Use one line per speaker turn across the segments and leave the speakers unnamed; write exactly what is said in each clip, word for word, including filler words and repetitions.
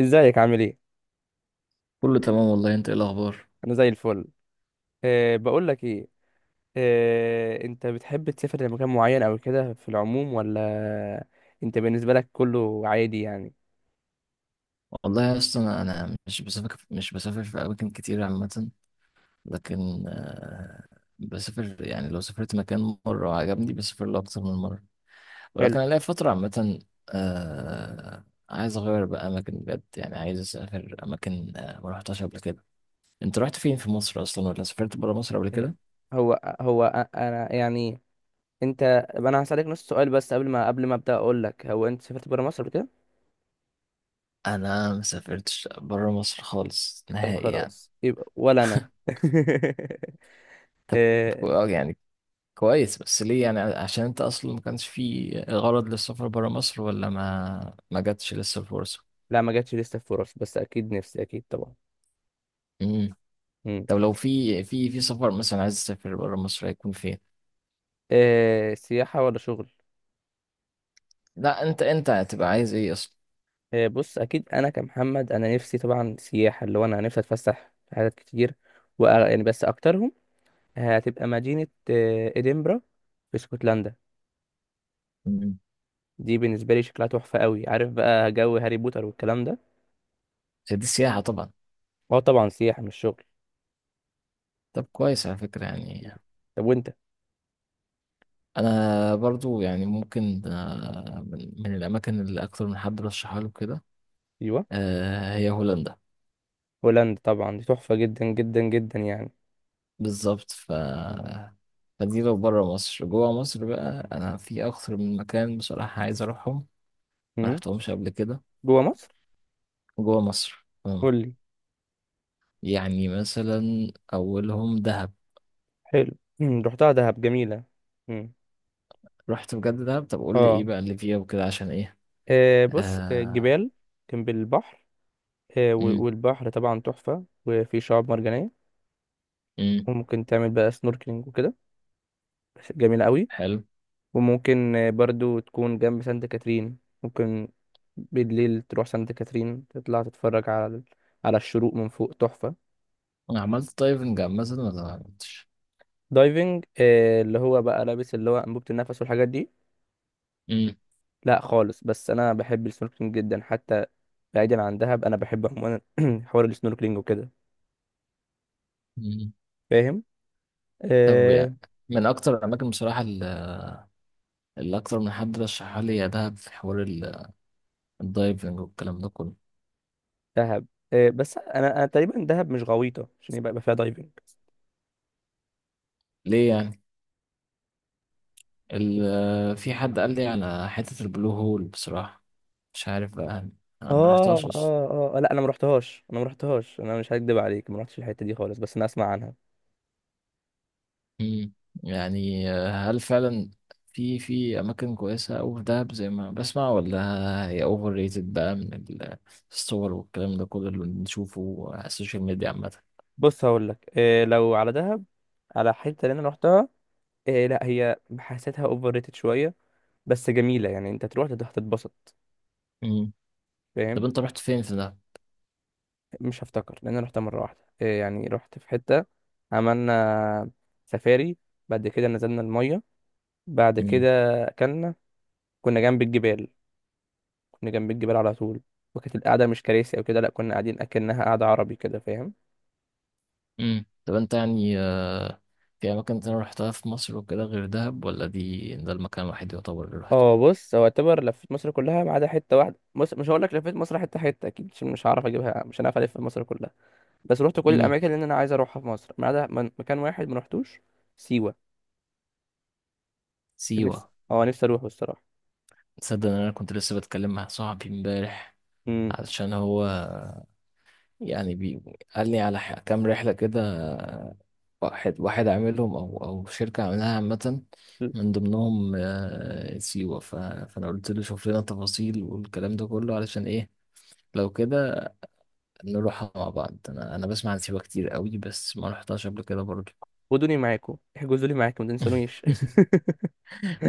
ازيك عامل ايه؟
كله تمام والله، انت ايه الاخبار؟
انا زي الفل. أه، بقول لك ايه. أه، انت بتحب تسافر لمكان معين او كده في العموم ولا انت بالنسبه لك كله عادي يعني؟
والله يا اسطى، انا أنا مش بسافر مش بسافر في اماكن كتير عامه. لكن آه، بسافر يعني، لو سافرت مكان مره وعجبني بسافر له اكتر من مره.
حلو.
ولكن انا ليا فتره عامه، آه، عايز اغير بقى اماكن بجد، يعني عايز اسافر اماكن آه، ما رحتهاش قبل كده. انت رحت فين في مصر اصلا، ولا سافرت بره مصر قبل
هي-
كده؟
هو هو أ- انا يعني. انت. انا هسالك نص سؤال بس قبل ما قبل ما ابدا اقول لك، هو انت سافرت بره مصر قبل كده؟
انا ما سافرتش بره مصر خالص،
طب
نهائي يعني.
خلاص يبقى ولا انا
طب،
أه.
يعني كويس، بس ليه يعني؟ عشان انت اصلا ما كانش في غرض للسفر برا مصر، ولا ما ما جاتش لسه الفرصه؟
لا ما جاتش لسه فرص، بس اكيد نفسي، اكيد طبعا.
امم.
مم.
طب لو في في في سفر مثلا، عايز تسافر برا مصر، هيكون فين؟
أه، سياحه ولا شغل؟
لا، انت انت هتبقى عايز ايه اصلا؟
آه، بص اكيد انا كمحمد انا نفسي طبعا سياحه، اللي هو انا نفسي اتفسح في حاجات كتير. و يعني بس اكترهم هتبقى مدينه آه، ادنبرا في اسكتلندا.
امم.
دي بالنسبه لي شكلها تحفه قوي، عارف بقى جو هاري بوتر والكلام ده.
دي سياحه طبعا.
هو طبعا سياحه مش شغل.
طب كويس على فكره يعني.
طب وانت؟
انا برضو يعني ممكن، آه، من من الاماكن اللي اكتر من حد رشحها له كده،
ايوه.
آه، هي هولندا.
هولندا طبعا دي تحفه جدا جدا جدا يعني.
بالظبط. ف فدي لو بره مصر. جوه مصر بقى انا في اكتر من مكان بصراحة عايز اروحهم، ما
مم.
رحتهمش قبل كده.
جوه مصر؟
جوه مصر، أه.
قول لي.
يعني مثلا اولهم دهب.
حلو. مم. رحتها دهب جميله. مم.
رحت بجد دهب؟ طب قول لي ايه
اه.
بقى اللي فيها وكده، عشان ايه؟
آه، بص، آه،
آه.
جبال جنب البحر، آه، و-
امم.
والبحر طبعا تحفة وفي شعاب مرجانية.
امم.
وممكن تعمل بقى سنوركلينج وكده، بس جميلة قوي.
حلو.
وممكن آه، برضو تكون جنب سانت كاترين. ممكن بالليل تروح سانت كاترين تطلع تتفرج على ال- على الشروق من فوق، تحفة.
انا عملت دايفنج مثلا، ولا ما عملتش؟
دايفنج؟ آه، اللي هو بقى لابس اللي هو أنبوبة النفس والحاجات دي.
امم.
لا خالص، بس أنا بحب السنوركلينج جدا حتى، بعيدا عن دهب أنا بحب عموما حوار السنوركلينج وكده،
أمم.
فاهم.
طب
آه.
يعني من اكتر الاماكن بصراحة اللي اللي اكتر من حد رشحها لي يا دهب، في حوار ال- الدايفنج والكلام ده كله.
دهب، إيه، بس انا انا تقريبا دهب مش غويطه عشان يبقى يبقى فيها دايفنج.
ليه يعني؟ ال في حد قال لي على حتة البلو هول بصراحة، مش عارف بقى، أنا ما
اه
رحتهاش أصلا.
اه اه، لا انا ما رحتهاش، انا ما رحتهاش انا مش هكدب عليك، ما رحتش الحته دي خالص، بس انا اسمع عنها.
مم. يعني آه، هل فعلا في في أماكن كويسة أوي في دهب زي ما بسمع، ولا هي أوفر ريتد بقى من ال- الصور والكلام ده كله اللي بنشوفه على السوشيال ميديا عامة؟
بص هقول لك إيه، لو على دهب، على حته اللي انا رحتها، إيه لا هي حسيتها اوفر ريتد شويه، بس جميله يعني انت تروح تت- هتتبسط،
مم. طب
فاهم.
أنت رحت فين في دهب؟
مش هفتكر لان انا رحتها مره واحده، إيه يعني، رحت في حته، عملنا سفاري، بعد كده نزلنا الميه، بعد
مم.
كده اكلنا، كنا جنب الجبال، كنا جنب الجبال على طول. وكانت القعدة مش كراسي أو كده، لأ كنا قاعدين أكنها قعدة عربي كده، فاهم.
مم. طب أنت يعني، آه، في أماكن تانية رحتها في مصر وكده غير دهب، ولا دي ده المكان الوحيد يعتبر اللي رحته؟
اه بص، هو اعتبر لفيت مصر كلها ما عدا حتة واحدة. بص مش هقول لك لفيت مصر حتة حتة، أكيد مش مش هعرف أجيبها، مش هنعرف ألف مصر كلها. بس رحت كل
مم.
الأماكن اللي أنا عايز أروحها في مصر ما عدا من- مكان واحد ما رحتوش. سيوة. نفسي
سيوة.
اه نفسي أروحه الصراحة.
تصدق ان انا كنت لسه بتكلم مع صاحبي امبارح،
امم.
علشان هو يعني بي... قال لي على ح- كام رحله كده، واحد واحد عاملهم، او او شركه عاملاها عامه، من ضمنهم آه، سيوه. ف... فانا قلت له شوف لنا تفاصيل والكلام ده كله علشان ايه، لو كده نروحها مع بعض. انا انا بسمع عن سيوه كتير قوي، بس ما رحتهاش قبل كده برضه.
خدوني معاكم، احجزوا لي معاكم، ما تنسونيش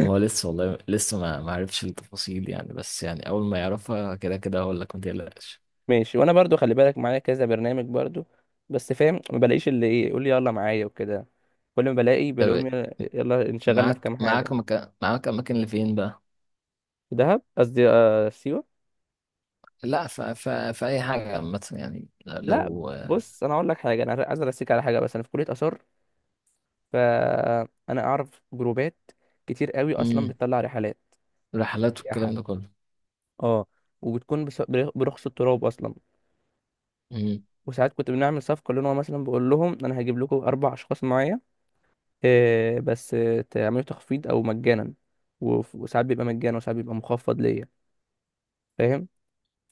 ما هو لسه والله، لسه ما ما عرفش التفاصيل يعني، بس يعني اول ما يعرفها كده كده هقول لك، ما تقلقش.
ماشي، وانا برضو خلي بالك معايا كذا برنامج برضو، بس فاهم ما بلاقيش اللي ايه، يقول لي يلا معايا وكده. كل ما بلاقي
طب
بلاقيهم يلا يلا، انشغلنا في
معاك
كام
معاك
حاجه.
مكان معاك اماكن لفين بقى؟
دهب، قصدي آه سيوه.
لا، ف... ف... في اي حاجه عامه يعني،
لا،
لو
بص انا اقول لك حاجه، انا عايز ارسيك على حاجه، بس انا في كليه اثار، فانا اعرف جروبات كتير قوي اصلا
مم.
بتطلع رحلات
رحلات والكلام
سياحه،
ده كله.
اه، وبتكون بس- برخص التراب اصلا.
مم.
وساعات كنت بنعمل صفقه، اللي هو مثلا بقول لهم انا هجيب لكم اربع اشخاص معايا، آه، بس آه، تعمله تخفيض او مجانا. وف- وساعات بيبقى مجانا وساعات بيبقى مخفض ليا، فاهم.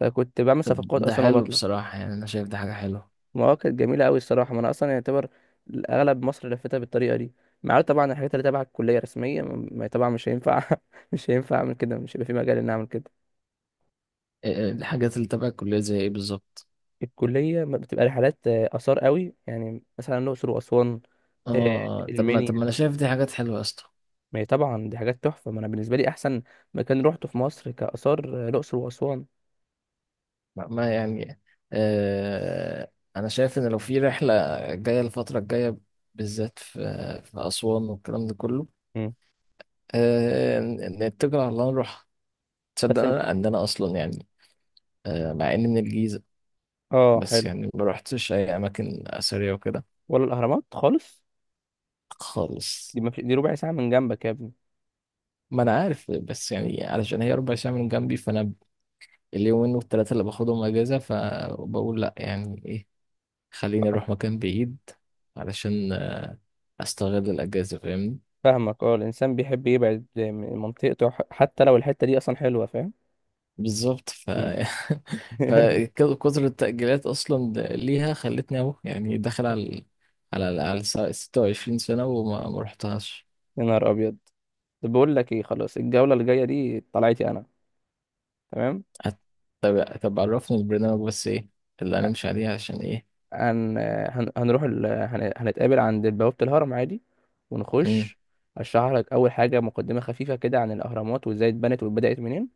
فكنت بعمل
طب
صفقات
ده
اصلا
حلو
وبطلع.
بصراحه يعني، انا شايف دي حاجه حلوه.
المواقع كانت جميله قوي الصراحه. ما انا اصلا يعتبر اغلب مصر لفتها بالطريقه دي، مع طبعا الحاجات اللي تبع الكليه رسميه، م- ما طبعا مش هينفع مش هينفع اعمل كده، مش هيبقى في مجال ان اعمل كده.
إيه- إيه الحاجات اللي تبع الكليه زي ايه بالظبط؟
الكليه ما بتبقى رحلات آه، اثار قوي، يعني مثلا الاقصر واسوان، آه،
اه، طب ما طب ما
المنيا.
انا شايف دي حاجات حلوه يا اسطى.
ما هي طبعا دي حاجات تحفه. ما انا بالنسبه لي احسن مكان روحته في مصر كاثار آه، الاقصر واسوان.
ما ما يعني. آه... انا شايف ان لو في رحله جايه الفتره الجايه، بالذات في في اسوان والكلام ده كله،
مم.
آه... ن- نتكل على الله نروح. تصدق
بس
انا ان انا اصلا يعني، آه، مع اني من الجيزة،
اه
بس
حلو.
يعني ما رحتش اي اماكن اثرية وكده
ولا الاهرامات خالص؟
خالص.
دي ما في، دي ربع ساعه من جنبك يا ابني.
ما انا عارف، بس يعني علشان هي ربع ساعة من جنبي، فانا اليومين والتلاتة اللي باخدهم اجازة، فبقول لا يعني ايه، خليني
آه،
اروح مكان بعيد علشان استغل الاجازة فاهمني.
فاهمك، اه الانسان بيحب يبعد من منطقته، ح- حتى لو الحته دي اصلا حلوه، فاهم.
بالظبط. ف
مم.
فكثر التأجيلات اصلا ليها خلتني اهو، يعني داخل على على على 26 سنة، وما ما رحتهاش.
يا نهار ابيض. طب بقول لك ايه، خلاص الجوله الجايه دي طلعتي انا. تمام.
أت- طب طب عرفني البرنامج بس، ايه اللي هنمشي عليه عشان ايه؟
هن... هن... هنروح ال... هن... هنتقابل عند بوابه الهرم عادي،
مم.
ونخش. اشرح لك اول حاجه مقدمه خفيفه كده عن الاهرامات وازاي اتبنت وبدات منين،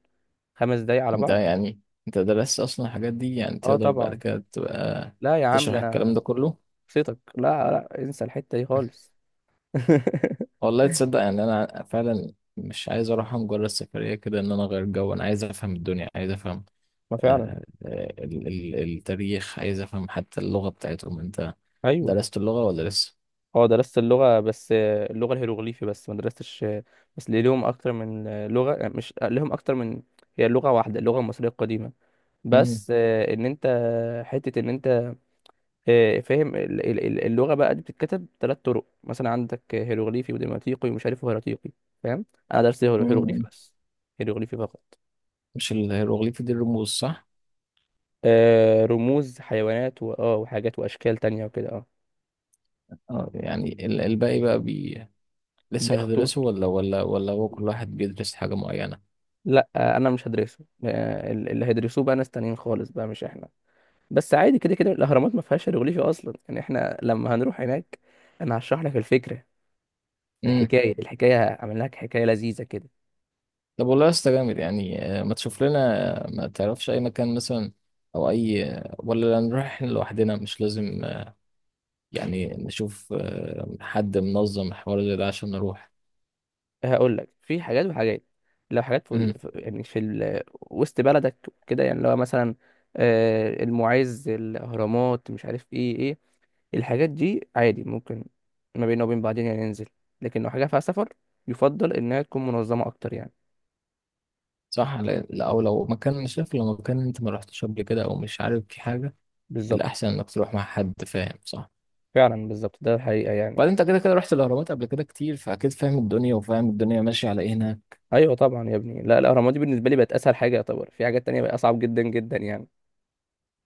خمس دقايق على
انت
بعض.
يعني انت درست اصلا الحاجات دي، يعني
اه
تقدر بعد
طبعا.
كده تبقى
لا يا عم ده
تشرح الكلام
انا
ده كله؟
شخصيتك، لا لا انسى الحتة دي خالص
والله تصدق يعني انا فعلا مش عايز اروح مجرد سفرية كده، ان انا اغير جو. انا عايز افهم الدنيا، عايز افهم
ما فعلا.
آه، آه، ال- ال- التاريخ، عايز افهم حتى اللغة بتاعتهم. انت
ايوه.
درست اللغة ولا لسه؟
اه درست اللغة، بس آه، اللغة الهيروغليفي بس، ما درستش آه، بس ليه، لهم اكتر من آه، لغة، آه، مش آه، لهم اكتر من. هي لغة واحدة، اللغة المصرية القديمة،
مم.
بس آه، ان انت حتة ان انت آه، فاهم ال- ال- ال- اللغة بقى دي بتتكتب ثلاث طرق، مثلا عندك آه، هيروغليفي وديماتيقي ومش عارف هيراتيقي، فاهم. انا درست هيرو-
مم.
هيروغليفي بس، هيروغليفي فقط.
مش الهيروغليفي دي الرموز، صح؟
آه، رموز حيوانات و... اه وحاجات واشكال تانية وكده اه.
اه، يعني ال- الباقي بقى لسه
بياخدوا،
هتدرسه، ولا ولا ولا هو كل واحد بيدرس حاجة معينة؟
لا آه، انا مش هدرسه، آه، اللي هيدرسوه بقى ناس تانيين خالص بقى مش احنا. بس عادي كده كده الاهرامات ما فيهاش هيروغليفي اصلا، يعني احنا لما هنروح هناك انا هشرح لك الفكره،
امم.
الحكايه، الحكايه هعمل لك حكايه لذيذه كده.
طب والله يا اسطى جامد يعني، آه، ما تشوف لنا، آه، ما تعرفش اي مكان مثلا، او اي آه، ولا نروح إحنا لوحدنا، مش لازم، آه، يعني نشوف آه، حد منظم الحوار زي ده عشان نروح.
هقول لك في حاجات وحاجات. لو حاجات في
امم.
ال... في- يعني في ال... وسط بلدك كده، يعني لو مثلا آه، المعز، الاهرامات، مش عارف ايه ايه، الحاجات دي عادي ممكن ما بيننا وبين بعضين يعني ننزل. لكن لو حاجه فيها سفر يفضل انها تكون منظمه اكتر يعني.
صح، لا، لا، او لو مكان مش عارف لو مكان انت ما رحتش قبل كده، او مش عارف في حاجة.
بالظبط.
الاحسن انك تروح مع حد فاهم، صح؟
فعلا بالظبط ده الحقيقة يعني.
وبعدين انت كده كده رحت الاهرامات قبل كده كتير، فاكيد فاهم الدنيا وفاهم الدنيا ماشية على ايه هناك.
ايوه طبعا يا ابني، لا الاهرامات دي بالنسبة لي بقت اسهل حاجة يعتبر، في حاجات تانية بقت اصعب جدا جدا يعني.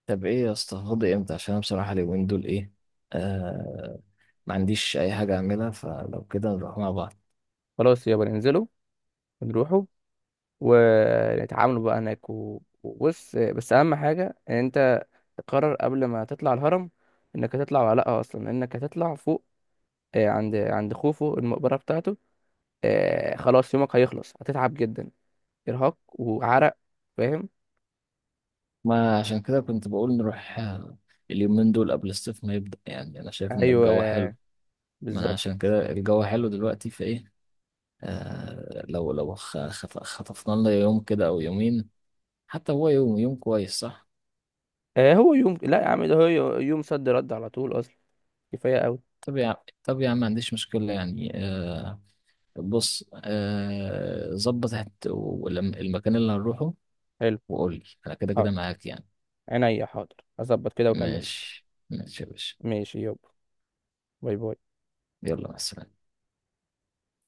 طب ايه يا اسطى، فاضي امتى؟ عشان انا بصراحه اليومين دول، ايه، آه ما عنديش اي حاجه اعملها، فلو كده نروح مع بعض.
خلاص يابا ننزلوا ونروحوا ونتعاملوا بقى هناك، و- وبص، بس اهم حاجة ان انت تقرر قبل ما تطلع الهرم انك هتطلع ولا لا، اصلا انك هتطلع فوق آه، عند عند خوفو، المقبرة بتاعته، آه، خلاص يومك هيخلص، هتتعب جدا، ارهاق وعرق، فاهم.
ما عشان كده كنت بقول نروح، آه، اليومين دول قبل الصيف ما يبدا، يعني انا شايف ان
ايوه
الجو حلو. ما انا
بالظبط.
عشان كده الجو حلو دلوقتي فايه. آه لو لو خ- خط- خطفنا لنا يوم كده او يومين، حتى هو يوم، يوم كويس صح؟
آه، هو يوم، لا يا عم ده هو يوم صد رد على طول اصلا، كفاية أوي.
طب يا عم طب يا عم ما عنديش مشكله يعني، آه بص، آه ظبط هت- ولم- المكان اللي هنروحه،
حلو.
وقول لي، انا كده كده
حاضر،
معاك يعني.
عينيا حاضر، أظبط كده وأكلمك.
ماشي، ماشي يا باشا.
ماشي يابا، باي باي.
يلا، مع السلامة.